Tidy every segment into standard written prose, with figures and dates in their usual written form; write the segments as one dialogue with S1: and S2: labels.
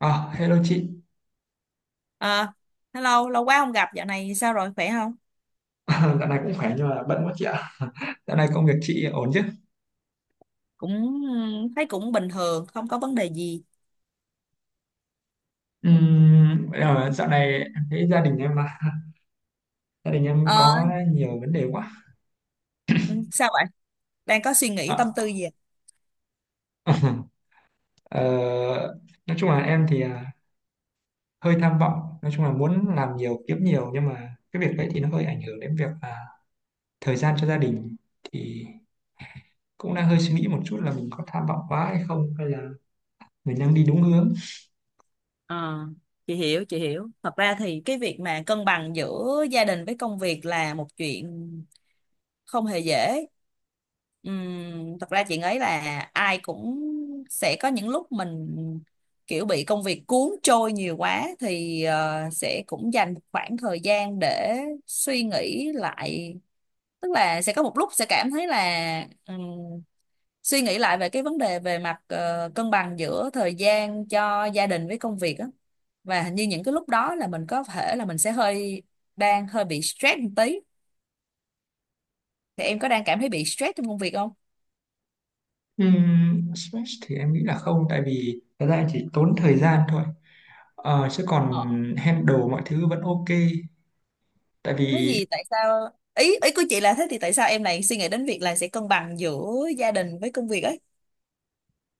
S1: À, hello chị.
S2: À, hello, lâu quá không gặp, dạo này sao rồi, khỏe không?
S1: Dạo này cũng khỏe nhưng mà bận quá chị ạ. Dạo này công việc chị ổn chứ?
S2: Cũng Thấy cũng bình thường, không có vấn đề gì.
S1: Bây Dạo này em thấy gia đình em mà gia đình em
S2: Ờ,
S1: có nhiều vấn đề quá.
S2: Sao vậy? Đang có suy nghĩ tâm
S1: À,
S2: tư gì?
S1: ờ, nói chung là em thì hơi tham vọng. Nói chung là muốn làm nhiều, kiếm nhiều nhưng mà cái việc đấy thì nó hơi ảnh hưởng đến việc là thời gian cho gia đình. Thì cũng đang hơi suy nghĩ một chút là mình có tham vọng quá hay không hay là mình đang đi đúng hướng.
S2: Ờ, chị hiểu, thật ra thì cái việc mà cân bằng giữa gia đình với công việc là một chuyện không hề dễ. Thật ra chị nghĩ là ai cũng sẽ có những lúc mình kiểu bị công việc cuốn trôi nhiều quá thì sẽ cũng dành một khoảng thời gian để suy nghĩ lại, tức là sẽ có một lúc sẽ cảm thấy là suy nghĩ lại về cái vấn đề về mặt cân bằng giữa thời gian cho gia đình với công việc á. Và hình như những cái lúc đó là mình có thể là mình sẽ hơi đang hơi bị stress một tí, thì em có đang cảm thấy bị stress trong công việc không?
S1: Stress thì em nghĩ là không, tại vì thật ra em chỉ tốn thời gian thôi. Chứ còn
S2: Ờ.
S1: handle mọi thứ vẫn ok, tại
S2: Nói
S1: vì
S2: gì tại sao ý ý của chị là thế, thì tại sao em lại suy nghĩ đến việc là sẽ cân bằng giữa gia đình với công việc ấy?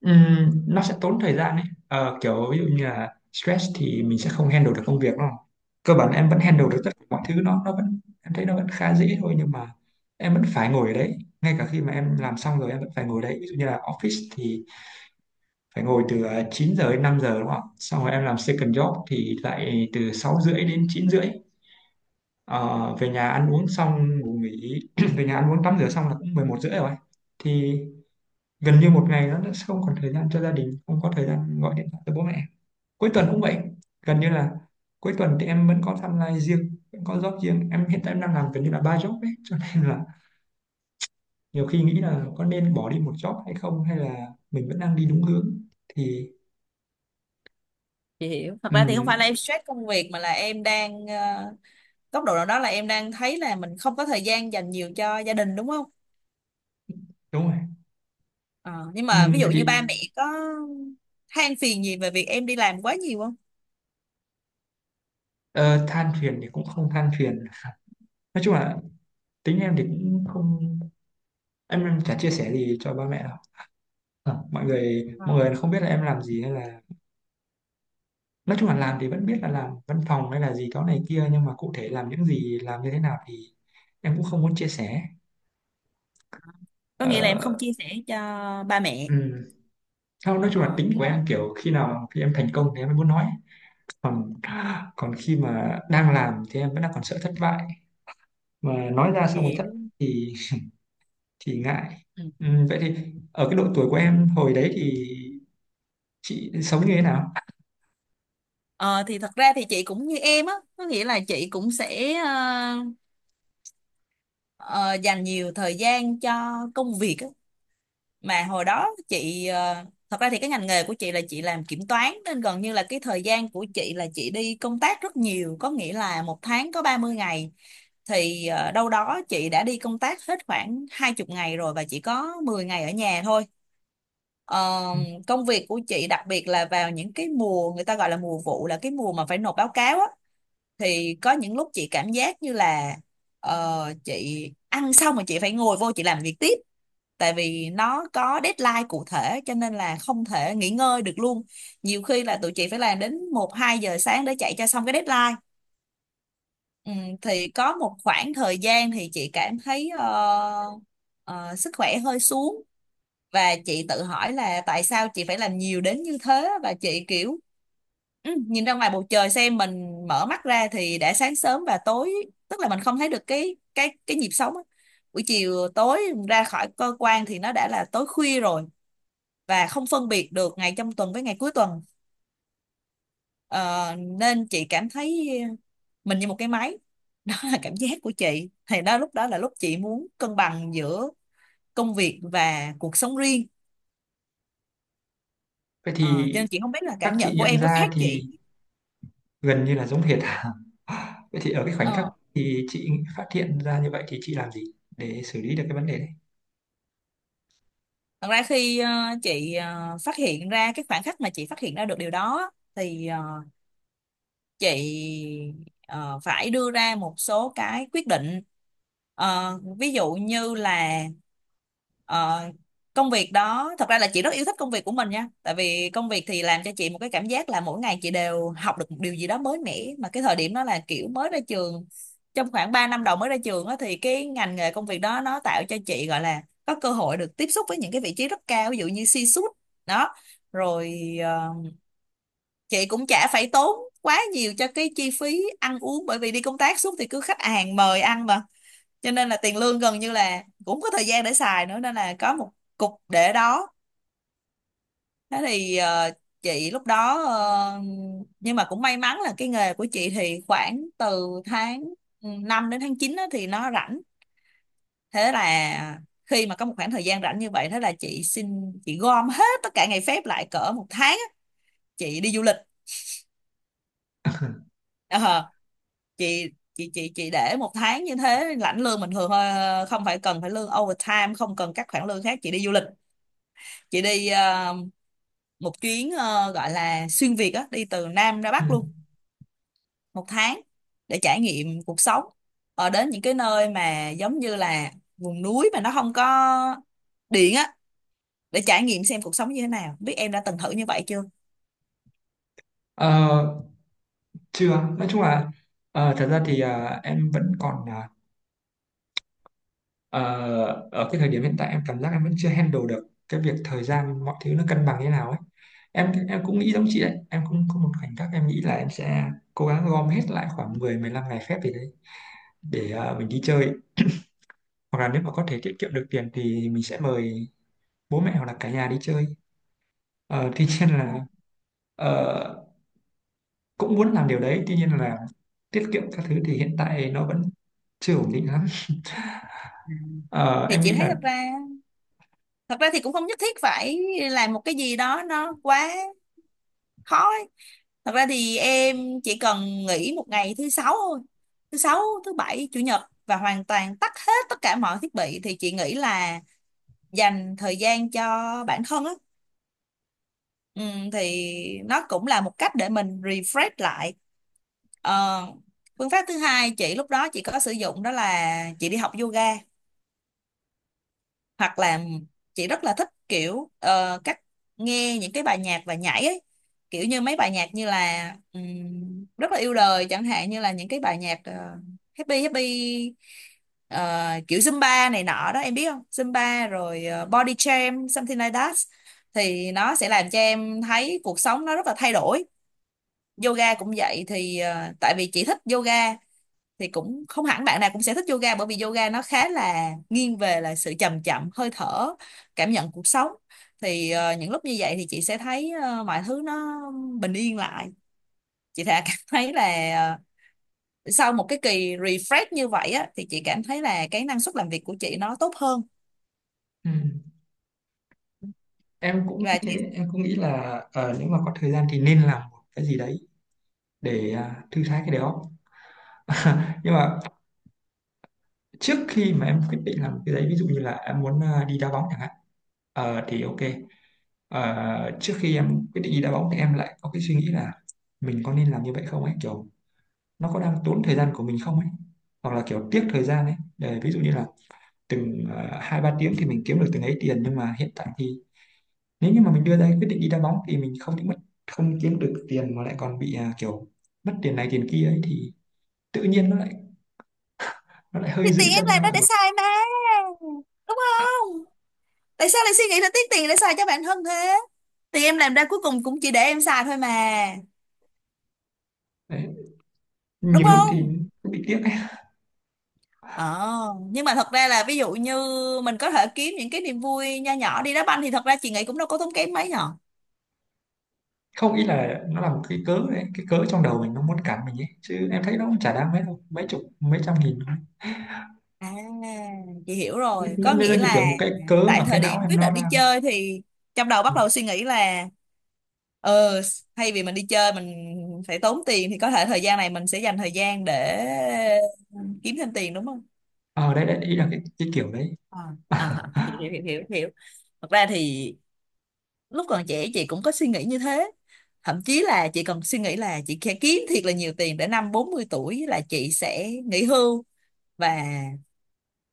S1: nó sẽ tốn thời gian ấy. Ờ, Kiểu ví dụ như là stress thì mình sẽ không handle được công việc, đúng không? Cơ bản em vẫn
S2: Ừ,
S1: handle được tất cả mọi thứ, nó vẫn em thấy nó vẫn khá dễ thôi, nhưng mà em vẫn phải ngồi ở đấy ngay cả khi mà em làm xong rồi, em vẫn phải ngồi đấy. Ví dụ như là office thì phải ngồi từ 9 giờ đến 5 giờ, đúng không? Xong rồi em làm second job thì lại từ 6 rưỡi đến 9 rưỡi. Ờ, về nhà ăn uống xong ngủ nghỉ Về nhà ăn uống tắm rửa xong là cũng 11 rưỡi rồi. Thì gần như một ngày nó đã không còn thời gian cho gia đình, không có thời gian gọi điện thoại cho bố mẹ. Cuối tuần cũng vậy, gần như là cuối tuần thì em vẫn có timeline riêng, vẫn có job riêng. Em hiện tại em đang làm gần như là 3 job ấy, cho nên là nhiều khi nghĩ là có nên bỏ đi một job hay không, hay là mình vẫn đang đi đúng hướng. Thì
S2: chị hiểu. Thật ra thì không phải
S1: ừm,
S2: là em stress công việc mà là em đang góc độ nào đó là em đang thấy là mình không có thời gian dành nhiều cho gia đình, đúng không?
S1: đúng rồi.
S2: Ờ, nhưng mà ví
S1: Vậy
S2: dụ như
S1: thì
S2: ba mẹ có than phiền gì về việc em đi làm quá nhiều không?
S1: ờ, than phiền thì cũng không than phiền. Nói chung là tính em thì cũng không, em chả chia sẻ gì cho ba mẹ đâu. Ờ, mọi người
S2: Ờ.
S1: mọi người không biết là em làm gì, hay là nói chung là làm thì vẫn biết là làm văn phòng hay là gì đó này kia, nhưng mà cụ thể làm những gì, làm như thế nào thì em cũng không muốn chia sẻ.
S2: Có nghĩa là em không
S1: ờ,
S2: chia sẻ cho ba mẹ.
S1: ừm, Không, nói chung là
S2: Ờ,
S1: tính
S2: nhưng
S1: của em
S2: mà
S1: kiểu khi em thành công thì em mới muốn nói. Còn còn khi mà đang làm thì em vẫn đang còn sợ thất bại, mà nói ra
S2: chị
S1: xong rồi thất
S2: hiểu.
S1: bại thì thì ngại.
S2: Ừ.
S1: Vậy thì ở cái độ tuổi của em hồi đấy thì chị sống như thế nào?
S2: Ờ, thì thật ra thì chị cũng như em á, có nghĩa là chị cũng sẽ ờ, dành nhiều thời gian cho công việc á. Mà hồi đó chị thật ra thì cái ngành nghề của chị là chị làm kiểm toán, nên gần như là cái thời gian của chị là chị đi công tác rất nhiều, có nghĩa là một tháng có 30 ngày, thì đâu đó chị đã đi công tác hết khoảng 20 ngày rồi và chỉ có 10 ngày ở nhà thôi. Ờ, Công việc của chị đặc biệt là vào những cái mùa người ta gọi là mùa vụ, là cái mùa mà phải nộp báo cáo á, thì có những lúc chị cảm giác như là chị ăn xong rồi chị phải ngồi vô chị làm việc tiếp, tại vì nó có deadline cụ thể cho nên là không thể nghỉ ngơi được luôn. Nhiều khi là tụi chị phải làm đến một hai giờ sáng để chạy cho xong cái deadline. ừ, thì có một khoảng thời gian thì chị cảm thấy sức khỏe hơi xuống, và chị tự hỏi là tại sao chị phải làm nhiều đến như thế, và chị kiểu nhìn ra ngoài bầu trời xem mình mở mắt ra thì đã sáng sớm và tối, tức là mình không thấy được cái nhịp sống á. Buổi chiều tối ra khỏi cơ quan thì nó đã là tối khuya rồi, và không phân biệt được ngày trong tuần với ngày cuối tuần. Ờ, Nên chị cảm thấy mình như một cái máy. Đó là cảm giác của chị, thì đó lúc đó là lúc chị muốn cân bằng giữa công việc và cuộc sống riêng.
S1: Vậy
S2: Ờ,
S1: thì
S2: cho nên chị không biết là
S1: các
S2: cảm
S1: chị
S2: nhận của
S1: nhận
S2: em có
S1: ra
S2: khác chị.
S1: thì gần như là giống hệt à? Vậy thì ở cái khoảnh khắc
S2: Ờ,
S1: thì chị phát hiện ra như vậy thì chị làm gì để xử lý được cái vấn đề đấy?
S2: Thật ra khi chị phát hiện ra cái khoảng khắc mà chị phát hiện ra được điều đó thì chị ờ, phải đưa ra một số cái quyết định. Ví dụ như là ờ, công việc đó thật ra là chị rất yêu thích công việc của mình nha, tại vì công việc thì làm cho chị một cái cảm giác là mỗi ngày chị đều học được một điều gì đó mới mẻ, mà cái thời điểm đó là kiểu mới ra trường, trong khoảng 3 năm đầu mới ra trường á, thì cái ngành nghề công việc đó nó tạo cho chị gọi là có cơ hội được tiếp xúc với những cái vị trí rất cao, ví dụ như C-suite. Đó rồi chị cũng chả phải tốn quá nhiều cho cái chi phí ăn uống, bởi vì đi công tác suốt thì cứ khách hàng mời ăn mà, cho nên là tiền lương gần như là cũng có thời gian để xài nữa, nên là có một cục để đó. Thế thì chị lúc đó nhưng mà cũng may mắn là cái nghề của chị thì khoảng từ tháng 5 đến tháng 9 á thì nó rảnh. Thế là khi mà có một khoảng thời gian rảnh như vậy, thế là chị xin chị gom hết tất cả ngày phép lại cỡ một tháng á, chị đi du lịch. Ờ, chị để một tháng như thế lãnh lương bình thường thôi, không phải cần phải lương overtime, không cần các khoản lương khác, chị đi du lịch, chị đi một chuyến gọi là xuyên Việt á, đi từ Nam ra
S1: Ừ.
S2: Bắc luôn một tháng để trải nghiệm cuộc sống, ở đến những cái nơi mà giống như là vùng núi mà nó không có điện á, để trải nghiệm xem cuộc sống như thế nào, biết em đã từng thử như vậy chưa.
S1: Ờ, Chưa, nói chung là thật ra thì em vẫn còn ờ, ở cái thời điểm hiện tại em cảm giác em vẫn chưa handle được cái việc thời gian mọi thứ nó cân bằng như nào ấy. Em cũng nghĩ giống chị đấy, em cũng có một khoảnh khắc em nghĩ là em sẽ cố gắng gom hết lại khoảng 10-15 ngày phép gì đấy để mình đi chơi. Hoặc là nếu mà có thể tiết kiệm được tiền thì mình sẽ mời bố mẹ hoặc là cả nhà đi chơi. Ờ, Tuy nhiên là ờ, cũng muốn làm điều đấy, tuy nhiên là tiết kiệm các thứ thì hiện tại nó vẫn chưa ổn định lắm. Ờ,
S2: Thì
S1: em
S2: chị
S1: nghĩ
S2: thấy
S1: là
S2: thật ra, thật ra thì cũng không nhất thiết phải làm một cái gì đó nó quá khó. Thật ra thì em chỉ cần nghỉ một ngày thứ sáu thôi, thứ sáu, thứ bảy, chủ nhật, và hoàn toàn tắt hết tất cả mọi thiết bị thì chị nghĩ là dành thời gian cho bản thân á, ừ, thì nó cũng là một cách để mình refresh lại. Ờ, Phương pháp thứ hai chị lúc đó chị có sử dụng đó là chị đi học yoga, hoặc là chị rất là thích kiểu cách nghe những cái bài nhạc và nhảy ấy, kiểu như mấy bài nhạc như là rất là yêu đời chẳng hạn, như là những cái bài nhạc happy happy, kiểu Zumba này nọ đó, em biết không? Zumba rồi body jam, something like that, thì nó sẽ làm cho em thấy cuộc sống nó rất là thay đổi. Yoga cũng vậy, thì tại vì chị thích yoga, thì cũng không hẳn bạn nào cũng sẽ thích yoga, bởi vì yoga nó khá là nghiêng về là sự chậm, chậm hơi thở, cảm nhận cuộc sống. Thì những lúc như vậy thì chị sẽ thấy mọi thứ nó bình yên lại. Chị thà cảm thấy là ờ, sau một cái kỳ refresh như vậy á, thì chị cảm thấy là cái năng suất làm việc của chị nó tốt hơn.
S1: ừ, em cũng nghĩ
S2: Và chị
S1: thế, em cũng nghĩ là nếu mà có thời gian thì nên làm một cái gì đấy để thư thái cái đó. Nhưng mà trước khi mà em quyết định làm cái đấy, ví dụ như là em muốn đi đá bóng chẳng hạn, thì ok. Trước khi em quyết định đi đá bóng thì em lại có cái suy nghĩ là mình có nên làm như vậy không ấy, kiểu nó có đang tốn thời gian của mình không ấy, hoặc là kiểu tiếc thời gian ấy, để ví dụ như là từng 2-3 tiếng thì mình kiếm được từng ấy tiền, nhưng mà hiện tại thì nếu như mà mình đưa ra cái quyết định đi đá bóng thì mình không những mất, không kiếm được tiền mà lại còn bị kiểu mất tiền này tiền kia ấy, thì tự nhiên nó lại
S2: thì
S1: hơi giữ
S2: tiền em
S1: chân lên
S2: làm đó
S1: lại
S2: để
S1: một.
S2: xài mà, đúng không? Tại sao lại suy nghĩ là tiếc tiền để xài cho bản thân thế? Thì em làm ra cuối cùng cũng chỉ để em xài thôi mà,
S1: Đấy.
S2: đúng
S1: Nhiều lúc thì
S2: không?
S1: cũng bị tiếc ấy.
S2: Ờ, nhưng mà thật ra là ví dụ như mình có thể kiếm những cái niềm vui nho nhỏ, đi đá banh thì thật ra chị nghĩ cũng đâu có tốn kém mấy nhở.
S1: Không, ý là nó là một cái cớ đấy, cái cớ trong đầu mình nó muốn cản mình ấy, chứ em thấy nó cũng chả đáng mấy đâu, mấy chục mấy trăm nghìn thôi.
S2: À, chị hiểu rồi. Có
S1: Nên nên nó
S2: nghĩa
S1: như
S2: là
S1: kiểu một cái cớ
S2: tại
S1: mà cái
S2: thời
S1: não
S2: điểm
S1: em
S2: quyết
S1: nó
S2: định đi chơi thì trong đầu bắt đầu suy nghĩ là ờ thay vì mình đi chơi mình phải tốn tiền, thì có thể thời gian này mình sẽ dành thời gian để kiếm thêm tiền, đúng không?
S1: ờ đấy đấy, ý là cái kiểu đấy.
S2: À, hiểu hiểu hiểu hiểu. Thật ra thì lúc còn trẻ chị cũng có suy nghĩ như thế, thậm chí là chị còn suy nghĩ là chị sẽ kiếm thiệt là nhiều tiền để năm 40 tuổi là chị sẽ nghỉ hưu, và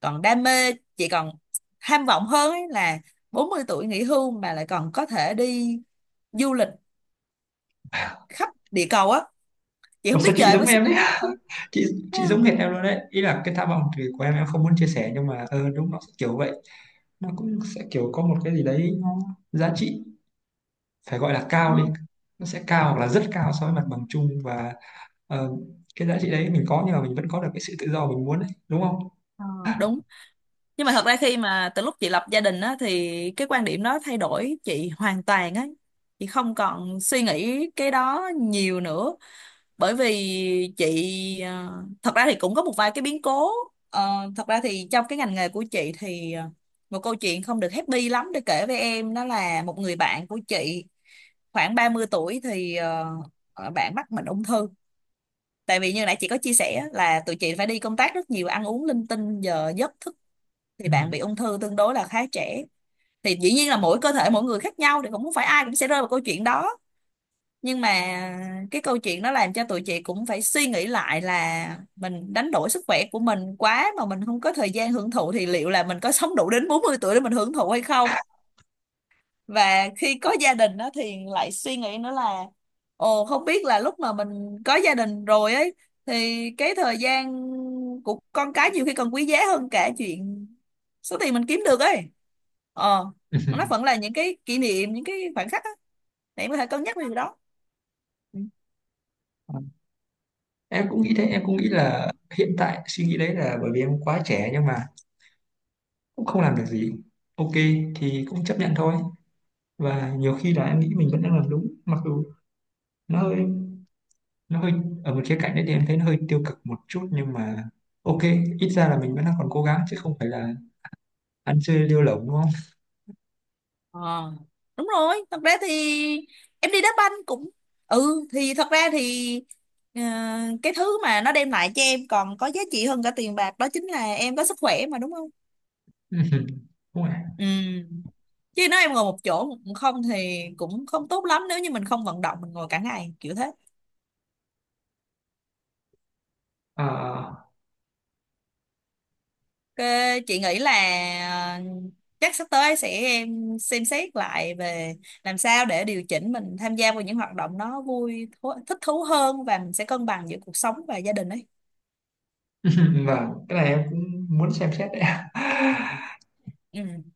S2: còn đam mê, chị còn tham vọng hơn ấy là 40 tuổi nghỉ hưu mà lại còn có thể đi du lịch khắp địa cầu á. Chị
S1: Ủa
S2: không biết
S1: sao
S2: giờ
S1: chị
S2: em
S1: giống
S2: có suy
S1: em
S2: nghĩ
S1: đấy,
S2: không.
S1: chị
S2: Ừ.
S1: chị giống hệt em luôn đấy, ý là cái tham vọng thì của em không muốn chia sẻ, nhưng mà đúng nó sẽ kiểu vậy. Nó cũng sẽ kiểu có một cái gì đấy nó giá trị, phải gọi là
S2: Ừ.
S1: cao đi, nó sẽ cao hoặc là rất cao so với mặt bằng chung, và ờ, cái giá trị đấy mình có nhưng mà mình vẫn có được cái sự tự do mình muốn đấy, đúng không?
S2: Ờ, ờ, đúng. Nhưng mà thật ra khi mà từ lúc chị lập gia đình á thì cái quan điểm đó thay đổi chị hoàn toàn á, chị không còn suy nghĩ cái đó nhiều nữa, bởi vì chị ờ, thật ra thì cũng có một vài cái biến cố. Ờ, Thật ra thì trong cái ngành nghề của chị thì một câu chuyện không được happy lắm để kể với em, đó là một người bạn của chị khoảng 30 tuổi thì bạn mắc bệnh ung thư, tại vì như nãy chị có chia sẻ là tụi chị phải đi công tác rất nhiều, ăn uống linh tinh giờ giấc thức, thì
S1: Ừ.
S2: bạn bị ung thư tương đối là khá trẻ. Thì dĩ nhiên là mỗi cơ thể mỗi người khác nhau, thì cũng không phải ai cũng sẽ rơi vào câu chuyện đó, nhưng mà cái câu chuyện nó làm cho tụi chị cũng phải suy nghĩ lại là mình đánh đổi sức khỏe của mình quá mà mình không có thời gian hưởng thụ, thì liệu là mình có sống đủ đến 40 tuổi để mình hưởng thụ hay không. Và khi có gia đình đó thì lại suy nghĩ nữa là, ồ, không biết là lúc mà mình có gia đình rồi ấy thì cái thời gian của con cái nhiều khi còn quý giá hơn cả chuyện số tiền mình kiếm được ấy, ờ nó vẫn là những cái kỷ niệm, những cái khoảnh khắc á, để em có thể cân nhắc về điều đó.
S1: Em cũng nghĩ thế, em cũng
S2: Ừ.
S1: nghĩ là hiện tại suy nghĩ đấy là bởi vì em quá trẻ, nhưng mà cũng không làm được gì. Ok, thì cũng chấp nhận thôi. Và nhiều khi là em nghĩ mình vẫn đang làm đúng, mặc dù nó hơi nó hơi ở một khía cạnh đấy thì em thấy nó hơi tiêu cực một chút, nhưng mà ok, ít ra là mình vẫn đang còn cố gắng chứ không phải là ăn chơi lêu lổng, đúng không?
S2: Ờ, đúng rồi. Thật ra thì em đi đá banh cũng, thì thật ra thì ờ, cái thứ mà nó đem lại cho em còn có giá trị hơn cả tiền bạc, đó chính là em có sức khỏe mà, đúng không?
S1: Đúng rồi.
S2: Ừ. Chứ nếu em ngồi một chỗ không thì cũng không tốt lắm, nếu như mình không vận động mình ngồi cả ngày kiểu thế.
S1: à,
S2: Ờ, chị nghĩ là ờ, chắc sắp tới sẽ em xem xét lại về làm sao để điều chỉnh mình tham gia vào những hoạt động nó thích thú hơn, và mình sẽ cân bằng giữa cuộc sống và gia đình ấy.
S1: và cái này em cũng muốn xem xét đấy.
S2: Ừ.